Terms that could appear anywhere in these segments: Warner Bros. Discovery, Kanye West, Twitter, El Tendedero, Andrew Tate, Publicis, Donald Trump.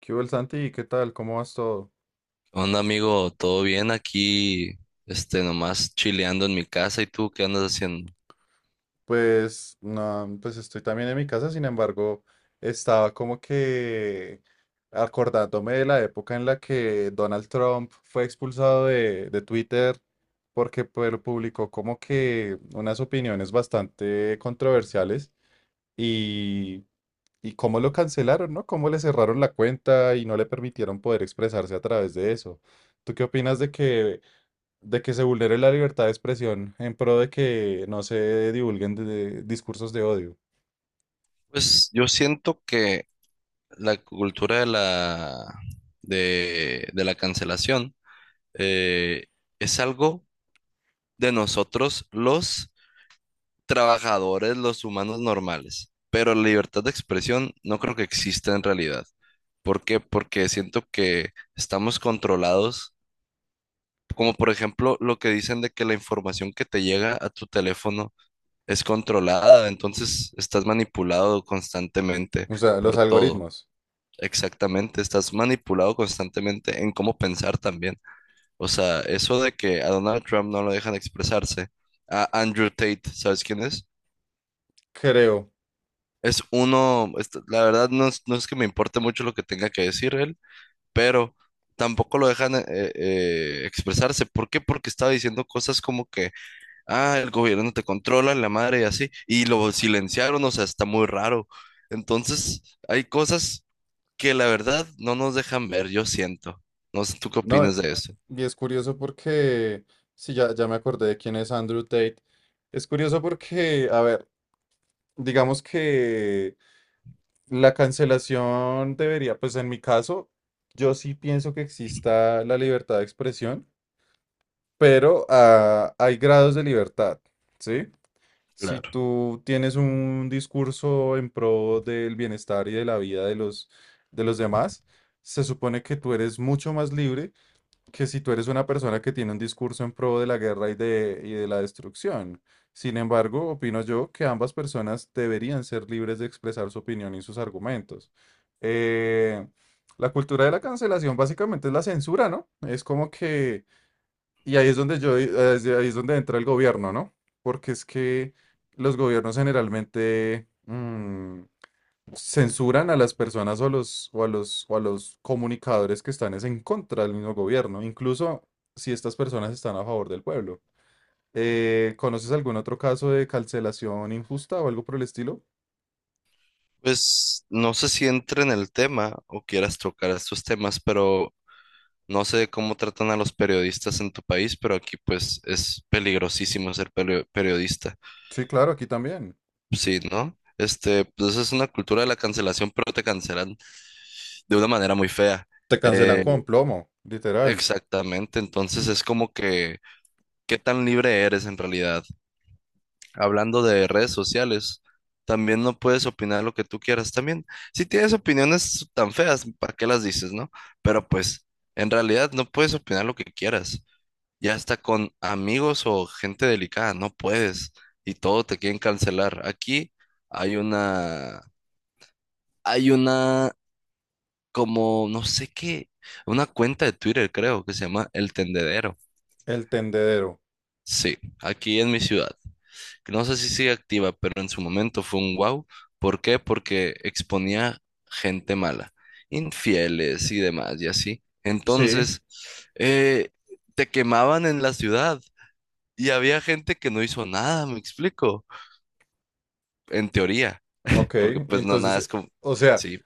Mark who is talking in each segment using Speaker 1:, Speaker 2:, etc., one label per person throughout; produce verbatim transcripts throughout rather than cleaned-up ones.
Speaker 1: ¿Qué hubo, el Santi? ¿Qué tal? ¿Cómo vas todo?
Speaker 2: Onda amigo, ¿todo bien aquí? Este, nomás chileando en mi casa, ¿y tú qué andas haciendo?
Speaker 1: Pues, no, pues estoy también en mi casa, sin embargo, estaba como que acordándome de la época en la que Donald Trump fue expulsado de, de Twitter porque pues, publicó como que unas opiniones bastante controversiales y, y cómo lo cancelaron, ¿no? Cómo le cerraron la cuenta y no le permitieron poder expresarse a través de eso. ¿Tú qué opinas de que de que se vulnere la libertad de expresión en pro de que no se divulguen de- de discursos de odio.
Speaker 2: Pues yo siento que la cultura de la de, de la cancelación, eh, es algo de nosotros los trabajadores, los humanos normales, pero la libertad de expresión no creo que exista en realidad. ¿Por qué? Porque siento que estamos controlados, como por ejemplo lo que dicen de que la información que te llega a tu teléfono es controlada, entonces estás manipulado constantemente
Speaker 1: O sea,
Speaker 2: por
Speaker 1: los
Speaker 2: todo.
Speaker 1: algoritmos,
Speaker 2: Exactamente, estás manipulado constantemente en cómo pensar también. O sea, eso de que a Donald Trump no lo dejan expresarse, a Andrew Tate, ¿sabes quién es?
Speaker 1: creo.
Speaker 2: Es uno, est- la verdad no es, no es que me importe mucho lo que tenga que decir él, pero tampoco lo dejan eh, eh, expresarse. ¿Por qué? Porque estaba diciendo cosas como que ah, el gobierno te controla, la madre y así, y lo silenciaron, o sea, está muy raro. Entonces, hay cosas que la verdad no nos dejan ver, yo siento. No sé, ¿tú qué
Speaker 1: No,
Speaker 2: opinas de eso?
Speaker 1: y es curioso porque, sí, ya, ya me acordé de quién es Andrew Tate. Es curioso porque, a ver, digamos que la cancelación debería, pues en mi caso, yo sí pienso que exista la libertad de expresión, pero ah, hay grados de libertad, ¿sí? Si
Speaker 2: Claro.
Speaker 1: tú tienes un discurso en pro del bienestar y de la vida de los, de los demás, se supone que tú eres mucho más libre que si tú eres una persona que tiene un discurso en pro de la guerra y de, y de la destrucción. Sin embargo, opino yo que ambas personas deberían ser libres de expresar su opinión y sus argumentos. Eh, la cultura de la cancelación básicamente es la censura, ¿no? Es como que y ahí es donde yo, ahí ahí es donde entra el gobierno, ¿no? Porque es que los gobiernos generalmente mm, censuran a las personas o a los, o a los, o a los comunicadores que están es en contra del mismo gobierno, incluso si estas personas están a favor del pueblo. Eh, ¿conoces algún otro caso de cancelación injusta o algo por el estilo?
Speaker 2: Pues no sé si entra en el tema o quieras tocar estos temas, pero no sé cómo tratan a los periodistas en tu país, pero aquí pues es peligrosísimo ser perio- periodista.
Speaker 1: Sí, claro, aquí también.
Speaker 2: Sí, ¿no? Este, pues es una cultura de la cancelación, pero te cancelan de una manera muy fea.
Speaker 1: Te cancelan
Speaker 2: Eh,
Speaker 1: con plomo, literal.
Speaker 2: Exactamente, entonces es como que, ¿qué tan libre eres en realidad? Hablando de redes sociales, también no puedes opinar lo que tú quieras también. Si tienes opiniones tan feas, ¿para qué las dices, no? Pero pues, en realidad no puedes opinar lo que quieras. Ya hasta con amigos o gente delicada, no puedes. Y todo te quieren cancelar. Aquí hay una, hay una, como, no sé qué, una cuenta de Twitter, creo, que se llama El Tendedero.
Speaker 1: El tendedero.
Speaker 2: Sí, aquí en mi ciudad. No sé si sigue activa, pero en su momento fue un wow. ¿Por qué? Porque exponía gente mala, infieles y demás, y así.
Speaker 1: Sí.
Speaker 2: Entonces, eh, te quemaban en la ciudad y había gente que no hizo nada, me explico, en teoría,
Speaker 1: Ok,
Speaker 2: porque pues no, nada
Speaker 1: entonces,
Speaker 2: es como...
Speaker 1: o sea.
Speaker 2: Sí,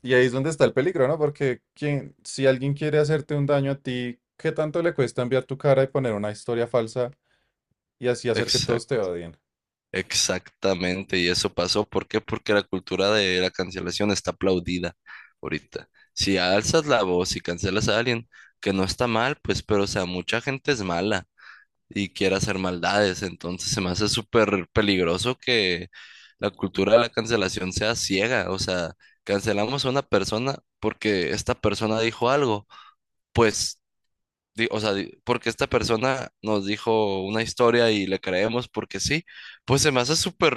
Speaker 1: Y ahí es donde está el peligro, ¿no? Porque quien, si alguien quiere hacerte un daño a ti, ¿qué tanto le cuesta enviar tu cara y poner una historia falsa y así hacer que todos te odien?
Speaker 2: exactamente, y eso pasó. ¿Por qué? Porque la cultura de la cancelación está aplaudida ahorita. Si alzas la voz y cancelas a alguien, que no está mal, pues, pero o sea, mucha gente es mala y quiere hacer maldades, entonces se me hace súper peligroso que la cultura de la cancelación sea ciega. O sea, cancelamos a una persona porque esta persona dijo algo, pues, di- o sea, di- porque esta persona nos dijo una historia y le creemos porque sí. Pues se me hace súper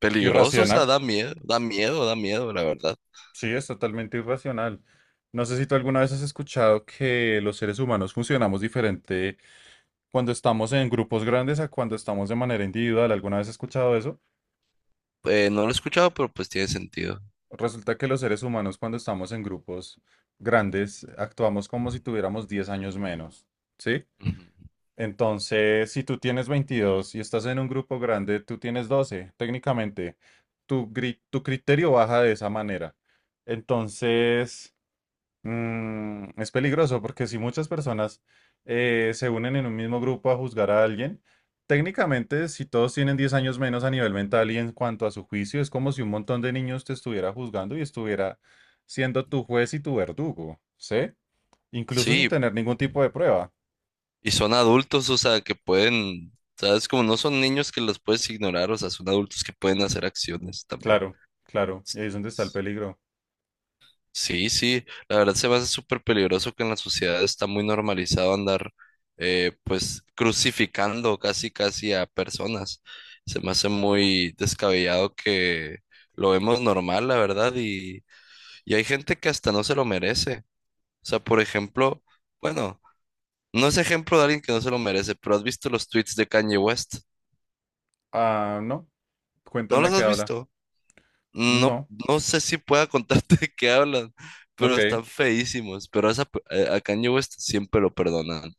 Speaker 2: peligrosos, o sea,
Speaker 1: Irracional,
Speaker 2: da miedo, da miedo, da miedo, la verdad.
Speaker 1: sí, es totalmente irracional. No sé si tú alguna vez has escuchado que los seres humanos funcionamos diferente cuando estamos en grupos grandes a cuando estamos de manera individual. ¿Alguna vez has escuchado eso?
Speaker 2: Eh, no lo he escuchado, pero pues tiene sentido.
Speaker 1: Resulta que los seres humanos cuando estamos en grupos grandes actuamos como si tuviéramos diez años menos, ¿sí?
Speaker 2: Ujú.
Speaker 1: Entonces, si tú tienes veintidós y estás en un grupo grande, tú tienes doce, técnicamente. Tu, gri- tu criterio baja de esa manera. Entonces, Mm, es peligroso porque si muchas personas eh, se unen en un mismo grupo a juzgar a alguien, técnicamente si todos tienen diez años menos a nivel mental y en cuanto a su juicio, es como si un montón de niños te estuviera juzgando y estuviera siendo tu juez y tu verdugo, ¿sí? Incluso sin
Speaker 2: Sí,
Speaker 1: tener ningún tipo de prueba.
Speaker 2: y son adultos, o sea, que pueden, sabes, como no son niños que los puedes ignorar, o sea, son adultos que pueden hacer acciones también.
Speaker 1: Claro, claro, y ahí es donde está el
Speaker 2: S-
Speaker 1: peligro.
Speaker 2: Sí, sí, la verdad se me hace súper peligroso que en la sociedad está muy normalizado andar, eh, pues, crucificando casi, casi a personas. Se me hace muy descabellado que lo vemos normal, la verdad, y Y hay gente que hasta no se lo merece. O sea, por ejemplo, bueno, no es ejemplo de alguien que no se lo merece, pero ¿has visto los tweets de Kanye West?
Speaker 1: Ah, no,
Speaker 2: ¿No
Speaker 1: cuéntame
Speaker 2: los
Speaker 1: qué
Speaker 2: has
Speaker 1: habla.
Speaker 2: visto? No,
Speaker 1: No,
Speaker 2: no sé si pueda contarte de qué hablan, pero
Speaker 1: ok,
Speaker 2: están feísimos. Pero a, esa pe- a a Kanye West siempre lo perdonan.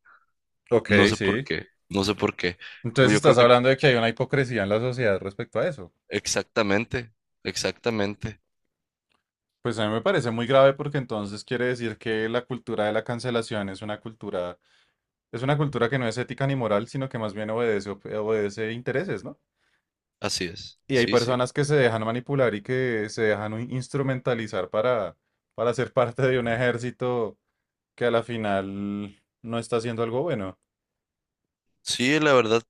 Speaker 2: No
Speaker 1: ok,
Speaker 2: sé por
Speaker 1: sí.
Speaker 2: qué, no sé por qué.
Speaker 1: Entonces
Speaker 2: Yo creo
Speaker 1: estás
Speaker 2: que
Speaker 1: hablando de que hay una hipocresía en la sociedad respecto a eso.
Speaker 2: exactamente, exactamente.
Speaker 1: Pues a mí me parece muy grave porque entonces quiere decir que la cultura de la cancelación es una cultura, es una cultura que no es ética ni moral, sino que más bien obedece, op- obedece intereses, ¿no?
Speaker 2: Así es.
Speaker 1: Y hay
Speaker 2: Sí, sí.
Speaker 1: personas que se dejan manipular y que se dejan un- instrumentalizar para, para ser parte de un ejército que a la final no está haciendo algo bueno.
Speaker 2: Sí, la verdad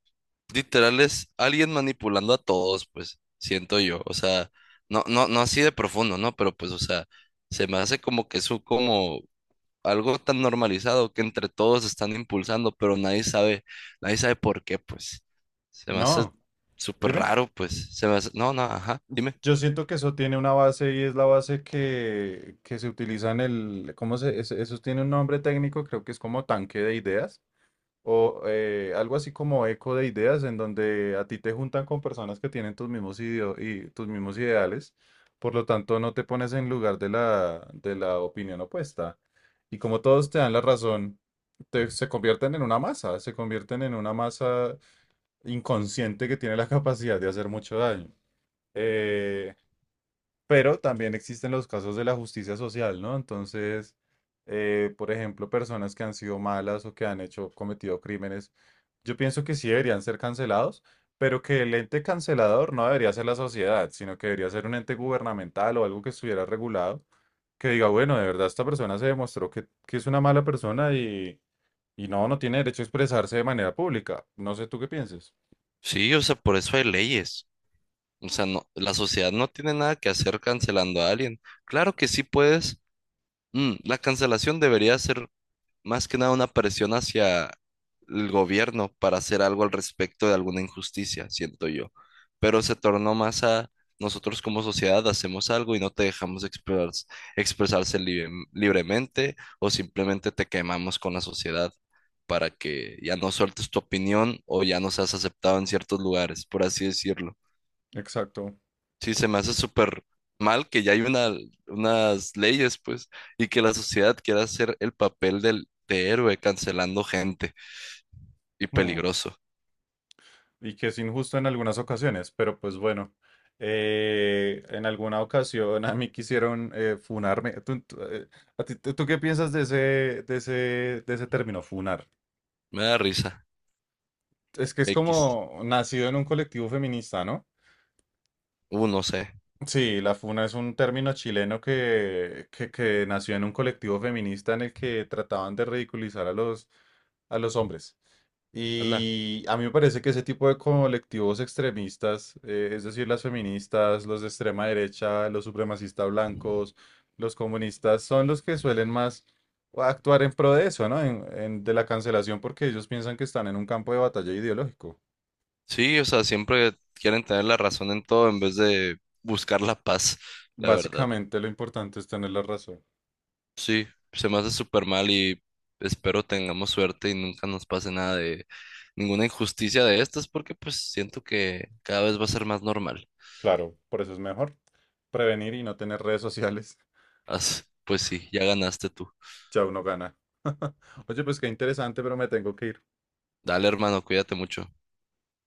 Speaker 2: literal es alguien manipulando a todos, pues, siento yo. O sea, no, no, no así de profundo, ¿no? Pero pues, o sea, se me hace como que eso como algo tan normalizado que entre todos están impulsando, pero nadie sabe, nadie sabe por qué, pues. Se me hace
Speaker 1: No,
Speaker 2: súper
Speaker 1: dime.
Speaker 2: raro, pues. Se me hace, no, no, ajá, dime.
Speaker 1: Yo siento que eso tiene una base y es la base que, que se utiliza en el, ¿cómo se, eso eso tiene un nombre técnico, creo que es como tanque de ideas o eh, algo así como eco de ideas, en donde a ti te juntan con personas que tienen tus mismos ideo- y tus mismos ideales, por lo tanto no te pones en lugar de la, de la opinión opuesta. Y como todos te dan la razón, te- se convierten en una masa, se convierten en una masa inconsciente que tiene la capacidad de hacer mucho daño. Eh, pero también existen los casos de la justicia social, ¿no? Entonces, eh, por ejemplo, personas que han sido malas o que han hecho, cometido crímenes, yo pienso que sí deberían ser cancelados, pero que el ente cancelador no debería ser la sociedad, sino que debería ser un ente gubernamental o algo que estuviera regulado, que diga, bueno, de verdad esta persona se demostró que, que es una mala persona y, y no, no tiene derecho a expresarse de manera pública. No sé tú qué pienses.
Speaker 2: Sí, o sea, por eso hay leyes. O sea, no, la sociedad no tiene nada que hacer cancelando a alguien. Claro que sí puedes. Mm, la cancelación debería ser más que nada una presión hacia el gobierno para hacer algo al respecto de alguna injusticia, siento yo. Pero se tornó más a nosotros como sociedad hacemos algo y no te dejamos explorar- expresarse libre- libremente o simplemente te quemamos con la sociedad para que ya no sueltes tu opinión o ya no seas aceptado en ciertos lugares, por así decirlo.
Speaker 1: Exacto.
Speaker 2: Sí, se me hace súper mal que ya hay una, unas leyes, pues, y que la sociedad quiera hacer el papel del, de héroe cancelando gente y
Speaker 1: Hmm.
Speaker 2: peligroso.
Speaker 1: Y que es injusto en algunas ocasiones, pero pues bueno. Eh, en alguna ocasión a mí quisieron eh, funarme. ¿Tú, tú, eh, a ti- tú- tú qué piensas de ese, de ese, de ese término, funar?
Speaker 2: Me da risa.
Speaker 1: Es que es
Speaker 2: X.
Speaker 1: como nacido en un colectivo feminista, ¿no?
Speaker 2: Uh, no sé.
Speaker 1: Sí, la funa es un término chileno que, que, que nació en un colectivo feminista en el que trataban de ridiculizar a los, a los hombres.
Speaker 2: Ala.
Speaker 1: Y a mí me parece que ese tipo de colectivos extremistas, eh, es decir, las feministas, los de extrema derecha, los supremacistas blancos, los comunistas, son los que suelen más actuar en pro de eso, ¿no? En- en- de la cancelación porque ellos piensan que están en un campo de batalla ideológico.
Speaker 2: Sí, o sea, siempre quieren tener la razón en todo en vez de buscar la paz, la verdad.
Speaker 1: Básicamente lo importante es tener la razón.
Speaker 2: Sí, se me hace súper mal y espero tengamos suerte y nunca nos pase nada de ninguna injusticia de estas porque pues siento que cada vez va a ser más normal.
Speaker 1: Claro, por eso es mejor prevenir y no tener redes sociales.
Speaker 2: As- Pues sí, ya ganaste tú.
Speaker 1: Ya uno gana. Oye, pues qué interesante, pero me tengo que ir.
Speaker 2: Dale, hermano, cuídate mucho.